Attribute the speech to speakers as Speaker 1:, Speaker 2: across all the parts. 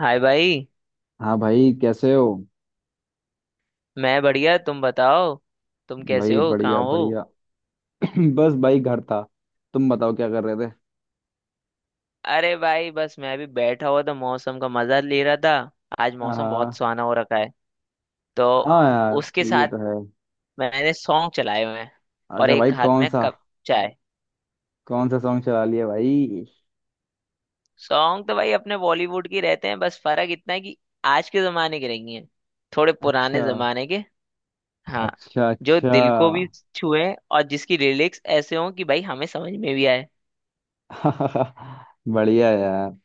Speaker 1: हाय भाई।
Speaker 2: हाँ भाई, कैसे हो?
Speaker 1: मैं बढ़िया, तुम बताओ। तुम कैसे
Speaker 2: भाई
Speaker 1: हो,
Speaker 2: बढ़िया
Speaker 1: कहाँ हो?
Speaker 2: बढ़िया। बस भाई, घर था। तुम बताओ क्या कर रहे थे?
Speaker 1: अरे भाई, बस मैं भी बैठा हुआ था, मौसम का मजा ले रहा था। आज मौसम बहुत
Speaker 2: हाँ।
Speaker 1: सुहाना हो रखा है। तो
Speaker 2: हाँ यार,
Speaker 1: उसके
Speaker 2: ये
Speaker 1: साथ
Speaker 2: तो है।
Speaker 1: मैंने सॉन्ग चलाए हुए हैं, और
Speaker 2: अच्छा भाई,
Speaker 1: एक हाथ
Speaker 2: कौन
Speaker 1: में
Speaker 2: सा?
Speaker 1: कप चाय।
Speaker 2: कौन सा सॉन्ग चला लिया भाई?
Speaker 1: सॉन्ग तो भाई अपने बॉलीवुड के रहते हैं, बस फर्क इतना है कि आज के जमाने के नहीं है, थोड़े
Speaker 2: अच्छा
Speaker 1: पुराने जमाने के। हाँ।
Speaker 2: अच्छा
Speaker 1: जो
Speaker 2: अच्छा।
Speaker 1: दिल को भी छुए, और जिसकी लिरिक्स ऐसे हों कि भाई हमें समझ में भी आए।
Speaker 2: बढ़िया यार।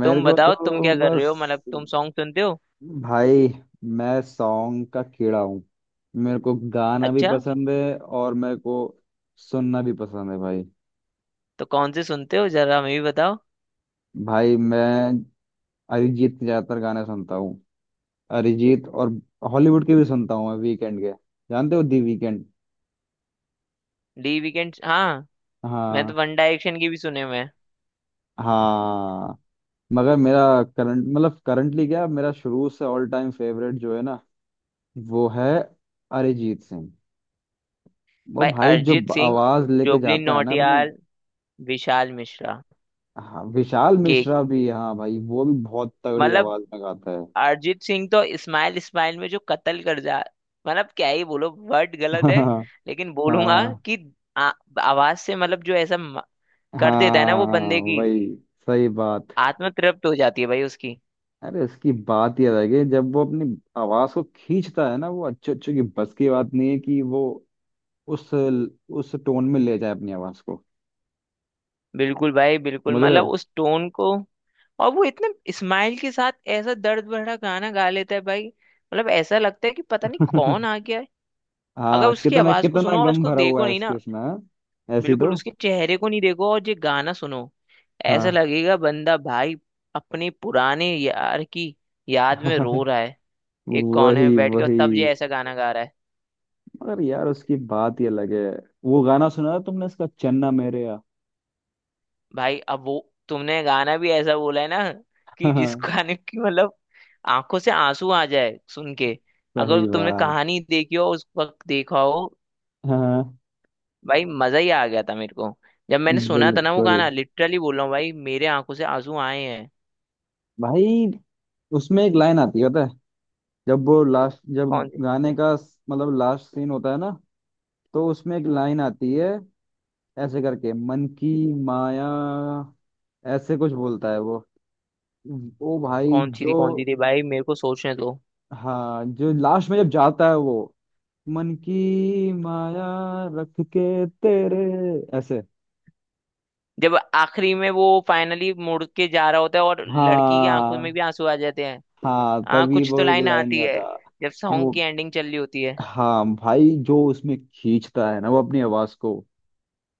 Speaker 2: मेरे
Speaker 1: तुम
Speaker 2: को
Speaker 1: बताओ तुम क्या
Speaker 2: तो
Speaker 1: कर रहे
Speaker 2: बस
Speaker 1: हो, मतलब तुम सॉन्ग सुनते हो?
Speaker 2: भाई, मैं सॉन्ग का कीड़ा हूँ। मेरे को गाना भी
Speaker 1: अच्छा।
Speaker 2: पसंद है और मेरे को सुनना भी पसंद है भाई।
Speaker 1: तो कौन से सुनते हो, जरा हमें भी बताओ।
Speaker 2: भाई मैं अरिजीत के ज्यादातर गाने सुनता हूँ। अरिजीत और हॉलीवुड के भी सुनता हूँ। मैं वीकेंड के, जानते हो दी वीकेंड?
Speaker 1: डी वीकेंड, हाँ। मैं तो
Speaker 2: हाँ।
Speaker 1: वन डायरेक्शन की भी सुने हुए हैं।
Speaker 2: हाँ मगर मेरा करंट, मतलब करंटली क्या, मेरा शुरू से ऑल टाइम फेवरेट जो है ना, वो है अरिजीत सिंह। वो
Speaker 1: भाई
Speaker 2: भाई जो
Speaker 1: अरिजीत सिंह,
Speaker 2: आवाज लेके
Speaker 1: जुबली
Speaker 2: जाता है ना अपने।
Speaker 1: नौटियाल, विशाल मिश्रा।
Speaker 2: हाँ विशाल
Speaker 1: केक।
Speaker 2: मिश्रा भी, हाँ भाई वो भी बहुत तगड़ी
Speaker 1: मतलब
Speaker 2: आवाज में गाता है।
Speaker 1: अरिजीत सिंह तो स्माइल स्माइल में जो कत्ल कर जा, मतलब क्या ही बोलो, वर्ड गलत है
Speaker 2: हाँ।
Speaker 1: लेकिन बोलूंगा
Speaker 2: हाँ
Speaker 1: कि आ, आवाज से मतलब जो ऐसा कर देता है ना वो
Speaker 2: हाँ।
Speaker 1: बंदे की
Speaker 2: वही, सही बात।
Speaker 1: आत्मा तृप्त हो जाती है भाई उसकी।
Speaker 2: अरे उसकी बात ही अलग है, जब वो अपनी आवाज को खींचता है ना, वो अच्छे अच्छे की बस की बात नहीं है कि वो उस टोन में ले जाए अपनी आवाज को।
Speaker 1: बिल्कुल भाई बिल्कुल,
Speaker 2: समझ रहे
Speaker 1: मतलब
Speaker 2: हो?
Speaker 1: उस टोन को। और वो इतने स्माइल के साथ ऐसा दर्द भरा गाना गा लेता है भाई, मतलब ऐसा लगता है कि पता नहीं कौन आ गया है। अगर
Speaker 2: हाँ,
Speaker 1: उसकी
Speaker 2: कितना
Speaker 1: आवाज को
Speaker 2: कितना
Speaker 1: सुनो और
Speaker 2: गम
Speaker 1: उसको
Speaker 2: भरा हुआ
Speaker 1: देखो
Speaker 2: है
Speaker 1: नहीं ना,
Speaker 2: इसके उसमें, हाँ? ऐसी
Speaker 1: बिल्कुल
Speaker 2: तो
Speaker 1: उसके चेहरे को नहीं देखो और ये गाना सुनो, ऐसा
Speaker 2: हाँ।
Speaker 1: लगेगा बंदा भाई अपने पुराने यार की याद में रो
Speaker 2: हाँ
Speaker 1: रहा है, एक कोने में
Speaker 2: वही
Speaker 1: बैठ के, और
Speaker 2: वही।
Speaker 1: तब ये ऐसा गाना गा रहा है।
Speaker 2: मगर यार उसकी बात ही अलग है। वो गाना सुना था तुमने, इसका चन्ना मेरेया?
Speaker 1: भाई अब वो, तुमने गाना भी ऐसा बोला है ना कि जिस
Speaker 2: हाँ,
Speaker 1: गाने की, मतलब आंखों से आंसू आ जाए सुन के। अगर
Speaker 2: सही
Speaker 1: तुमने
Speaker 2: बात।
Speaker 1: कहानी देखी हो, उस वक्त देखा हो
Speaker 2: हाँ
Speaker 1: भाई, मजा ही आ गया था मेरे को जब मैंने सुना था ना वो
Speaker 2: बिल्कुल
Speaker 1: गाना, लिटरली बोल रहा हूँ भाई मेरे आंखों से आंसू आए हैं।
Speaker 2: भाई, उसमें एक लाइन आती है पता है। जब वो लास्ट, जब
Speaker 1: कौन?
Speaker 2: गाने का मतलब लास्ट सीन होता है ना, तो उसमें एक लाइन आती है। ऐसे करके, मन की माया, ऐसे कुछ बोलता है वो। वो भाई
Speaker 1: कौन सी
Speaker 2: जो,
Speaker 1: थी, कौन सी थी भाई, मेरे को सोचने दो।
Speaker 2: हाँ जो लास्ट में जब जाता है वो, मन की माया रख के तेरे, ऐसे।
Speaker 1: जब आखिरी में वो फाइनली मुड़ के जा रहा होता है और लड़की की आंखों में
Speaker 2: हाँ
Speaker 1: भी आंसू आ जाते हैं।
Speaker 2: हाँ
Speaker 1: हाँ,
Speaker 2: तभी
Speaker 1: कुछ
Speaker 2: वो
Speaker 1: तो
Speaker 2: एक
Speaker 1: लाइन
Speaker 2: लाइन
Speaker 1: आती
Speaker 2: का
Speaker 1: है
Speaker 2: था।
Speaker 1: जब सॉन्ग
Speaker 2: वो,
Speaker 1: की एंडिंग चल रही होती है।
Speaker 2: हाँ भाई जो उसमें खींचता है ना वो अपनी आवाज को।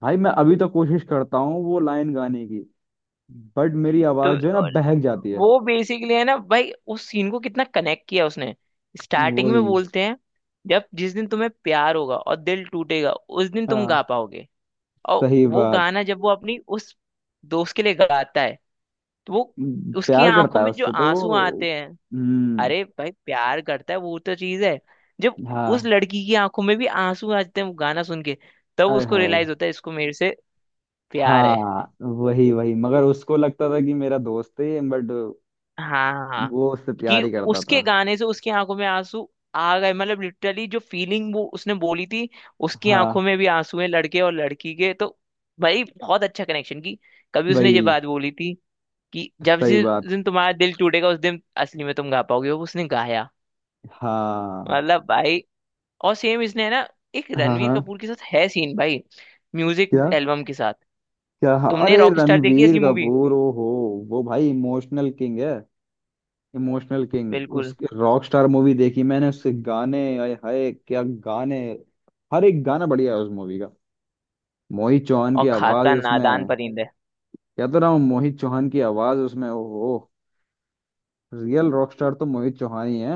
Speaker 2: भाई मैं अभी तो कोशिश करता हूँ वो लाइन गाने की, बट मेरी
Speaker 1: तो
Speaker 2: आवाज जो है ना बहक जाती है।
Speaker 1: वो बेसिकली है ना भाई, उस सीन को कितना कनेक्ट किया उसने। स्टार्टिंग में
Speaker 2: वही।
Speaker 1: बोलते हैं, जब जिस दिन तुम्हें प्यार होगा और दिल टूटेगा उस दिन तुम गा
Speaker 2: हाँ
Speaker 1: पाओगे। और
Speaker 2: सही
Speaker 1: वो
Speaker 2: बात।
Speaker 1: गाना जब वो अपनी उस दोस्त के लिए गाता है, तो वो उसकी
Speaker 2: प्यार करता
Speaker 1: आंखों
Speaker 2: है
Speaker 1: में जो
Speaker 2: उससे तो
Speaker 1: आंसू
Speaker 2: वो।
Speaker 1: आते हैं।
Speaker 2: हम्म।
Speaker 1: अरे भाई, प्यार करता है वो तो चीज है। जब उस
Speaker 2: हाँ।
Speaker 1: लड़की की आंखों में भी आंसू आते हैं वो गाना सुन के, तब
Speaker 2: आय
Speaker 1: उसको
Speaker 2: हाय।
Speaker 1: रियलाइज होता है इसको मेरे से प्यार है।
Speaker 2: हाँ वही वही, मगर उसको लगता था कि मेरा दोस्त है, बट
Speaker 1: हाँ, हाँ, हाँ।
Speaker 2: वो उससे
Speaker 1: कि
Speaker 2: प्यार ही करता था।
Speaker 1: उसके गाने से उसकी आंखों में आंसू आ गए, मतलब लिटरली जो फीलिंग वो उसने बोली थी, उसकी
Speaker 2: हाँ
Speaker 1: आंखों में भी आंसू हैं लड़के और लड़की के तो भाई, बहुत अच्छा कनेक्शन की कभी उसने ये
Speaker 2: वही।
Speaker 1: बात बोली थी कि जब
Speaker 2: सही
Speaker 1: जिस
Speaker 2: बात।
Speaker 1: दिन तुम्हारा दिल टूटेगा उस दिन असली में तुम गा पाओगे, वो उसने गाया।
Speaker 2: हाँ
Speaker 1: मतलब भाई, और सेम इसने है ना, एक
Speaker 2: हाँ
Speaker 1: रणवीर
Speaker 2: हाँ।
Speaker 1: कपूर के साथ है सीन भाई, म्यूजिक
Speaker 2: क्या?
Speaker 1: एल्बम के साथ।
Speaker 2: क्या हाँ,
Speaker 1: तुमने
Speaker 2: अरे
Speaker 1: रॉक स्टार देखी है
Speaker 2: रणवीर
Speaker 1: इसकी मूवी?
Speaker 2: कपूर, ओ हो। वो भाई इमोशनल किंग है। इमोशनल किंग,
Speaker 1: बिल्कुल।
Speaker 2: उसके रॉक स्टार मूवी देखी मैंने, उसके गाने, आए हाय क्या गाने। हर एक गाना बढ़िया है उस मूवी का। मोहित चौहान की
Speaker 1: और
Speaker 2: आवाज
Speaker 1: खासकर नादान
Speaker 2: उसमें,
Speaker 1: परिंदे।
Speaker 2: क्या तो रहा हूँ, मोहित चौहान की आवाज उसमें, ओहो। रियल रॉक स्टार तो मोहित चौहान ही है।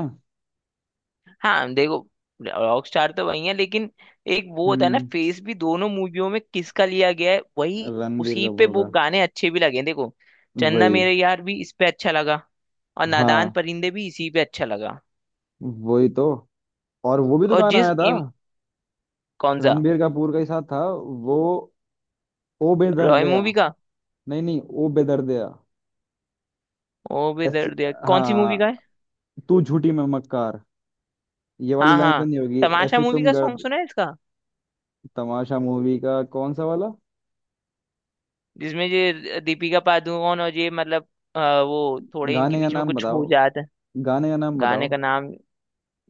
Speaker 1: हाँ, देखो, रॉक स्टार तो वही है लेकिन एक वो होता है ना,
Speaker 2: हम्म।
Speaker 1: फेस भी दोनों मूवियों में किसका लिया गया है, वही
Speaker 2: रणबीर
Speaker 1: उसी पे
Speaker 2: कपूर
Speaker 1: वो
Speaker 2: का।
Speaker 1: गाने अच्छे भी लगे हैं। देखो, चन्दा
Speaker 2: वही।
Speaker 1: मेरे यार भी इस पे अच्छा लगा, और नादान
Speaker 2: हाँ
Speaker 1: परिंदे भी इसी पे अच्छा लगा।
Speaker 2: वही तो। और वो भी तो
Speaker 1: और
Speaker 2: गाना आया था।
Speaker 1: कौन सा?
Speaker 2: रणबीर कपूर का ही साथ था वो, ओ बेदर्द
Speaker 1: रॉय
Speaker 2: दिया।
Speaker 1: मूवी का?
Speaker 2: नहीं नहीं, ओ बेदर्द दिया।
Speaker 1: ओ बे
Speaker 2: ऐसी,
Speaker 1: दर्द दिया कौन सी मूवी का
Speaker 2: हाँ,
Speaker 1: है?
Speaker 2: तू झूठी मैं मक्कार। ये वाली
Speaker 1: हाँ
Speaker 2: लाइन
Speaker 1: हाँ।
Speaker 2: सुनी होगी,
Speaker 1: तमाशा
Speaker 2: ऐसी
Speaker 1: मूवी
Speaker 2: तुम
Speaker 1: का
Speaker 2: गर्द।
Speaker 1: सॉन्ग सुना है इसका?
Speaker 2: तमाशा मूवी का कौन सा वाला?
Speaker 1: जिसमें ये दीपिका पादुकोण और ये मतलब वो थोड़े इनके
Speaker 2: गाने का
Speaker 1: बीच में
Speaker 2: नाम
Speaker 1: कुछ हो
Speaker 2: बताओ।
Speaker 1: जाता है।
Speaker 2: गाने का नाम
Speaker 1: गाने
Speaker 2: बताओ।
Speaker 1: का नाम?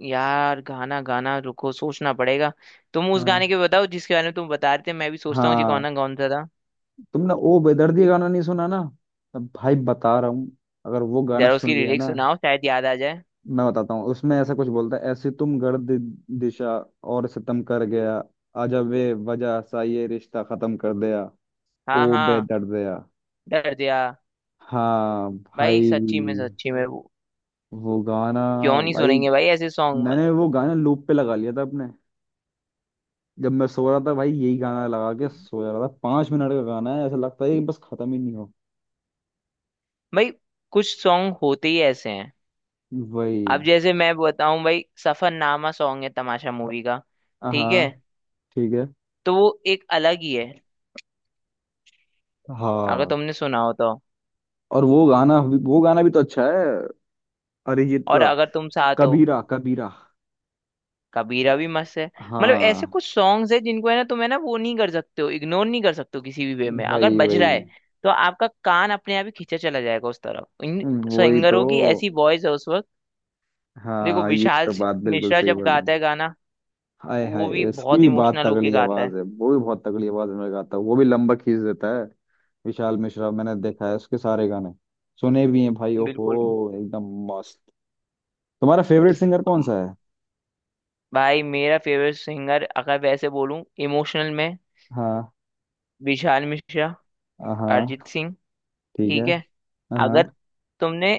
Speaker 1: यार गाना गाना रुको, सोचना पड़ेगा। तुम उस
Speaker 2: हाँ
Speaker 1: गाने के बताओ जिसके बारे में तुम बता रहे थे, मैं भी सोचता हूँ जी
Speaker 2: हाँ।
Speaker 1: कौन कौन सा था।
Speaker 2: तुमने ओ बेदर्दी गाना नहीं सुना ना? अब भाई बता रहा हूँ, अगर वो गाना
Speaker 1: जरा उसकी
Speaker 2: सुन लिया
Speaker 1: लिरिक्स
Speaker 2: ना।
Speaker 1: सुनाओ, शायद याद आ जाए।
Speaker 2: मैं बताता हूँ, उसमें ऐसा कुछ बोलता है, ऐसी तुम गर्द दिशा और सितम कर गया, आजा वे वजह सा ये रिश्ता खत्म कर दिया,
Speaker 1: हाँ,
Speaker 2: ओ
Speaker 1: हाँ।
Speaker 2: बेदर्दिया।
Speaker 1: डर दिया।
Speaker 2: हाँ
Speaker 1: भाई
Speaker 2: भाई।
Speaker 1: सच्ची में वो,
Speaker 2: वो गाना,
Speaker 1: क्यों नहीं
Speaker 2: भाई
Speaker 1: सुनेंगे भाई ऐसे सॉन्ग।
Speaker 2: मैंने वो गाना लूप पे लगा लिया था अपने, जब मैं सो रहा था भाई, यही गाना लगा के सो जा रहा था। 5 मिनट का गाना है, ऐसा लगता है कि बस खत्म ही नहीं हो।
Speaker 1: भाई कुछ सॉन्ग होते ही ऐसे हैं।
Speaker 2: वही।
Speaker 1: अब जैसे मैं बताऊं भाई, सफरनामा सॉन्ग है तमाशा मूवी का, ठीक
Speaker 2: हाँ
Speaker 1: है?
Speaker 2: ठीक है।
Speaker 1: तो वो एक अलग ही है, अगर
Speaker 2: हाँ।
Speaker 1: तुमने सुना हो तो।
Speaker 2: और वो गाना, वो गाना भी तो अच्छा है, अरिजीत
Speaker 1: और
Speaker 2: का।
Speaker 1: अगर तुम साथ हो।
Speaker 2: कबीरा कबीरा।
Speaker 1: कबीरा भी मस्त है। मतलब ऐसे
Speaker 2: हाँ।
Speaker 1: कुछ सॉन्ग्स है, जिनको है ना, तुम है ना, वो नहीं कर सकते हो, इग्नोर नहीं कर सकते हो किसी भी वे में, अगर
Speaker 2: वही
Speaker 1: बज
Speaker 2: वही
Speaker 1: रहा है तो आपका कान अपने आप ही खींचा चला जाएगा उस तरफ, इन
Speaker 2: वही तो।
Speaker 1: सिंगरों की ऐसी वॉइस है उस वक्त। देखो
Speaker 2: हाँ ये
Speaker 1: विशाल
Speaker 2: तो बात बिल्कुल
Speaker 1: मिश्रा
Speaker 2: सही
Speaker 1: जब
Speaker 2: बोली।
Speaker 1: गाता है गाना,
Speaker 2: हाय
Speaker 1: वो
Speaker 2: हाय,
Speaker 1: भी
Speaker 2: उसकी
Speaker 1: बहुत
Speaker 2: भी बात
Speaker 1: इमोशनल होके
Speaker 2: तगड़ी
Speaker 1: गाता है।
Speaker 2: आवाज है, वो भी बहुत तगड़ी आवाज में गाता है, वो भी लंबा खींच देता है। विशाल मिश्रा, मैंने देखा है उसके सारे गाने, सुने भी हैं भाई,
Speaker 1: बिल्कुल।
Speaker 2: ओहो एकदम मस्त। तुम्हारा फेवरेट सिंगर कौन सा है?
Speaker 1: भाई मेरा फेवरेट सिंगर अगर वैसे बोलूं इमोशनल में,
Speaker 2: हाँ।
Speaker 1: विशाल मिश्रा,
Speaker 2: हाँ
Speaker 1: अरिजीत सिंह।
Speaker 2: ठीक है।
Speaker 1: ठीक है।
Speaker 2: हाँ।
Speaker 1: अगर तुमने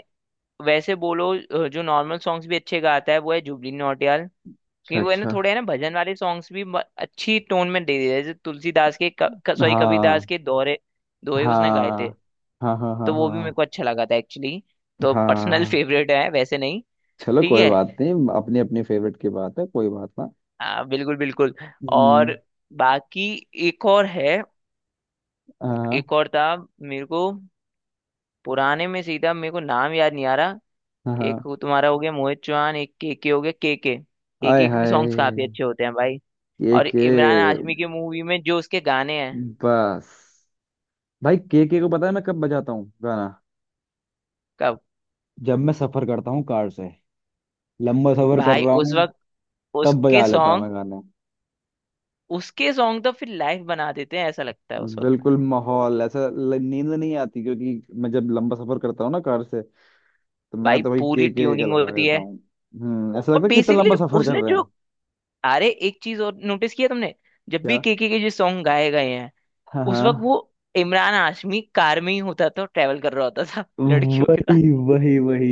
Speaker 1: वैसे बोलो जो नॉर्मल सॉन्ग्स भी अच्छे गाता है वो है जुबली नौटियाल।
Speaker 2: अच्छा
Speaker 1: क्योंकि वो है ना
Speaker 2: अच्छा।
Speaker 1: थोड़े है ना भजन वाले सॉन्ग्स भी अच्छी टोन में दे देते हैं, जैसे तुलसीदास के सॉरी कबीरदास
Speaker 2: हाँ
Speaker 1: के दोहरे दोहे उसने गाए थे।
Speaker 2: हाँ हाँ हाँ। हाँ
Speaker 1: तो वो भी मेरे
Speaker 2: हाँ
Speaker 1: को अच्छा लगा था एक्चुअली। तो पर्सनल
Speaker 2: हाँ।
Speaker 1: फेवरेट है वैसे नहीं।
Speaker 2: चलो
Speaker 1: ठीक
Speaker 2: कोई
Speaker 1: है।
Speaker 2: बात नहीं, अपनी अपनी फेवरेट की बात है, कोई बात ना।
Speaker 1: बिल्कुल बिल्कुल।
Speaker 2: हम्म।
Speaker 1: और बाकी एक और है,
Speaker 2: हाँ।
Speaker 1: एक और था, मेरे को पुराने में, सीधा मेरे को नाम याद नहीं आ रहा।
Speaker 2: हाँ।
Speaker 1: एक वो तुम्हारा हो गया मोहित चौहान, एक के हो गया। के,
Speaker 2: आय
Speaker 1: के सॉन्ग्स काफी
Speaker 2: हाय,
Speaker 1: अच्छे होते हैं भाई।
Speaker 2: ये
Speaker 1: और
Speaker 2: के,
Speaker 1: इमरान हाशमी की मूवी में जो उसके गाने हैं।
Speaker 2: बस भाई केके को, पता है मैं कब बजाता हूँ गाना?
Speaker 1: कब?
Speaker 2: जब मैं सफर करता हूँ कार से, लंबा सफर कर
Speaker 1: भाई
Speaker 2: रहा
Speaker 1: उस
Speaker 2: हूँ,
Speaker 1: वक्त
Speaker 2: तब
Speaker 1: उसके
Speaker 2: बजा लेता हूँ
Speaker 1: सॉन्ग,
Speaker 2: मैं गाना।
Speaker 1: उसके सॉन्ग तो फिर लाइव बना देते हैं, ऐसा लगता है उस वक्त।
Speaker 2: बिल्कुल माहौल ऐसा नींद नहीं आती, क्योंकि मैं जब लंबा सफर करता हूँ ना कार से, तो मैं
Speaker 1: भाई
Speaker 2: तो भाई
Speaker 1: पूरी
Speaker 2: के का
Speaker 1: ट्यूनिंग
Speaker 2: लगा
Speaker 1: होती है।
Speaker 2: देता हूँ। हम्म, ऐसा
Speaker 1: और
Speaker 2: लगता है कितना
Speaker 1: बेसिकली
Speaker 2: लंबा सफर कर
Speaker 1: उसने
Speaker 2: रहे हैं।
Speaker 1: जो, अरे एक चीज और नोटिस किया तुमने, जब भी
Speaker 2: क्या,
Speaker 1: के जो सॉन्ग गाए गए हैं,
Speaker 2: हाँ
Speaker 1: उस वक्त
Speaker 2: हाँ।
Speaker 1: वो इमरान हाशमी कार में ही होता था, ट्रेवल कर रहा होता था लड़कियों के साथ।
Speaker 2: वही वही वही।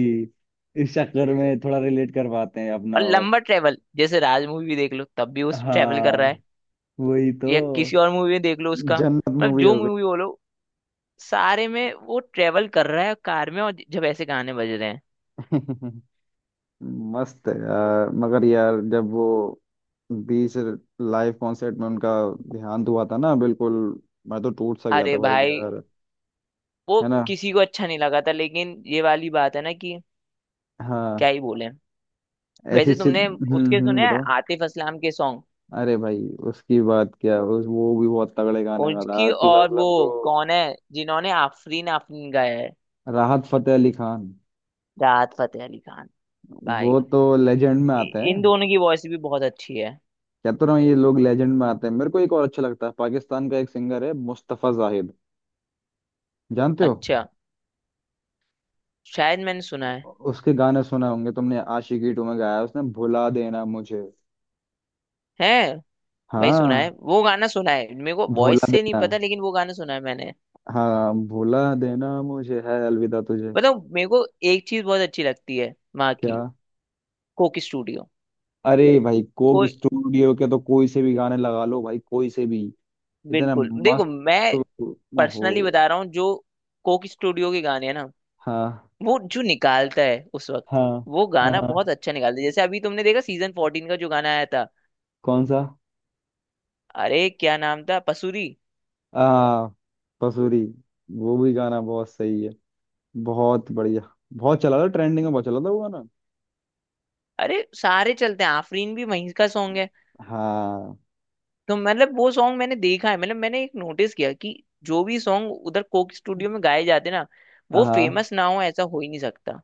Speaker 2: इस चक्कर में थोड़ा रिलेट कर पाते हैं
Speaker 1: और
Speaker 2: अपना। और
Speaker 1: लंबा ट्रेवल जैसे राज मूवी भी देख लो तब भी उस ट्रेवल कर रहा
Speaker 2: हाँ
Speaker 1: है,
Speaker 2: वही
Speaker 1: या
Speaker 2: तो।
Speaker 1: किसी और मूवी में देख लो उसका,
Speaker 2: जन्नत
Speaker 1: मतलब
Speaker 2: मूवी
Speaker 1: जो
Speaker 2: हो
Speaker 1: मूवी बोलो सारे में वो ट्रेवल कर रहा है कार में, और जब ऐसे गाने बज रहे हैं।
Speaker 2: गई। मस्त है यार। मगर यार जब वो बीच लाइव कॉन्सर्ट में उनका देहांत हुआ था ना, बिल्कुल मैं तो टूट सा गया था
Speaker 1: अरे
Speaker 2: भाई
Speaker 1: भाई
Speaker 2: यार,
Speaker 1: वो
Speaker 2: है ना?
Speaker 1: किसी को अच्छा नहीं लगा था, लेकिन ये वाली बात है ना कि
Speaker 2: हाँ।
Speaker 1: क्या ही बोले।
Speaker 2: ऐसी
Speaker 1: वैसे
Speaker 2: सिद।
Speaker 1: तुमने उसके
Speaker 2: हम्म,
Speaker 1: सुने हैं
Speaker 2: बताओ।
Speaker 1: आतिफ असलाम के सॉन्ग?
Speaker 2: अरे भाई उसकी बात क्या, उस, वो भी बहुत तगड़े गाने वाला
Speaker 1: उसकी
Speaker 2: आतिफ
Speaker 1: और वो
Speaker 2: असलम तो।
Speaker 1: कौन है जिन्होंने आफरीन आफरीन गाया है?
Speaker 2: राहत फतेह अली खान,
Speaker 1: राहत फतेह अली खान। भाई
Speaker 2: वो तो लेजेंड में
Speaker 1: इ-
Speaker 2: आते
Speaker 1: इन
Speaker 2: हैं।
Speaker 1: दोनों की वॉइस भी बहुत अच्छी है।
Speaker 2: कहता रहा हूँ ये लोग लेजेंड में आते हैं। मेरे को एक और अच्छा लगता है, पाकिस्तान का एक सिंगर है, मुस्तफा जाहिद, जानते हो?
Speaker 1: अच्छा, शायद मैंने सुना है।
Speaker 2: उसके गाने सुने होंगे तुमने, आशिकी टू में गाया है उसने, भुला देना मुझे।
Speaker 1: है। भाई सुना है,
Speaker 2: हाँ।
Speaker 1: वो गाना सुना है, मेरे को वॉइस
Speaker 2: भुला
Speaker 1: से नहीं
Speaker 2: देना।
Speaker 1: पता लेकिन वो गाना सुना है मैंने।
Speaker 2: हाँ, भुला देना मुझे है अलविदा तुझे।
Speaker 1: बताओ मेरे को, एक चीज बहुत अच्छी लगती है वहाँ
Speaker 2: क्या?
Speaker 1: की, कोकी स्टूडियो।
Speaker 2: अरे भाई कोक
Speaker 1: कोई।
Speaker 2: स्टूडियो के तो कोई से भी गाने लगा लो भाई, कोई से भी, इतना
Speaker 1: बिल्कुल, देखो
Speaker 2: मस्त
Speaker 1: मैं
Speaker 2: हो।
Speaker 1: पर्सनली बता रहा हूँ, जो कोकी स्टूडियो के गाने हैं ना,
Speaker 2: हाँ
Speaker 1: वो जो निकालता है उस वक्त,
Speaker 2: हाँ
Speaker 1: वो
Speaker 2: हाँ
Speaker 1: गाना बहुत
Speaker 2: हाँ।
Speaker 1: अच्छा निकालता है, जैसे अभी तुमने देखा सीजन 14 का जो गाना आया था।
Speaker 2: कौन सा?
Speaker 1: अरे क्या नाम था, पसूरी।
Speaker 2: आ, पसूरी। वो भी गाना बहुत सही है, बहुत बढ़िया। बहुत चला था ट्रेंडिंग में, बहुत चला था वो गाना।
Speaker 1: अरे सारे चलते हैं, आफरीन भी वहीं का सॉन्ग है।
Speaker 2: हाँ।
Speaker 1: तो मतलब वो सॉन्ग मैंने देखा है, मतलब मैंने एक नोटिस किया कि जो भी सॉन्ग उधर कोक स्टूडियो में गाए जाते ना, वो
Speaker 2: हाँ
Speaker 1: फेमस ना हो ऐसा हो ही नहीं सकता।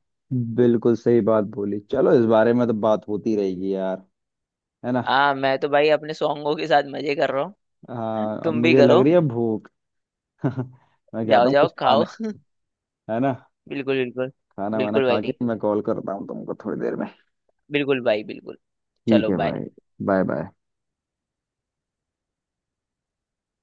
Speaker 2: बिल्कुल सही बात बोली। चलो इस बारे में तो बात होती रहेगी यार, है ना?
Speaker 1: आ मैं तो भाई अपने सॉन्गों के साथ मजे कर रहा हूँ।
Speaker 2: हाँ अब
Speaker 1: तुम भी
Speaker 2: मुझे लग
Speaker 1: करो।
Speaker 2: रही है भूख। मैं
Speaker 1: जाओ
Speaker 2: जाता हूँ
Speaker 1: जाओ
Speaker 2: कुछ
Speaker 1: खाओ।
Speaker 2: खाने, है ना?
Speaker 1: बिल्कुल बिल्कुल।
Speaker 2: खाना वाना
Speaker 1: बिल्कुल
Speaker 2: खा के
Speaker 1: भाई।
Speaker 2: मैं कॉल करता हूँ तुमको थोड़ी देर में।
Speaker 1: बिल्कुल भाई बिल्कुल।
Speaker 2: ठीक
Speaker 1: चलो,
Speaker 2: है
Speaker 1: बाय।
Speaker 2: भाई। Bye bye.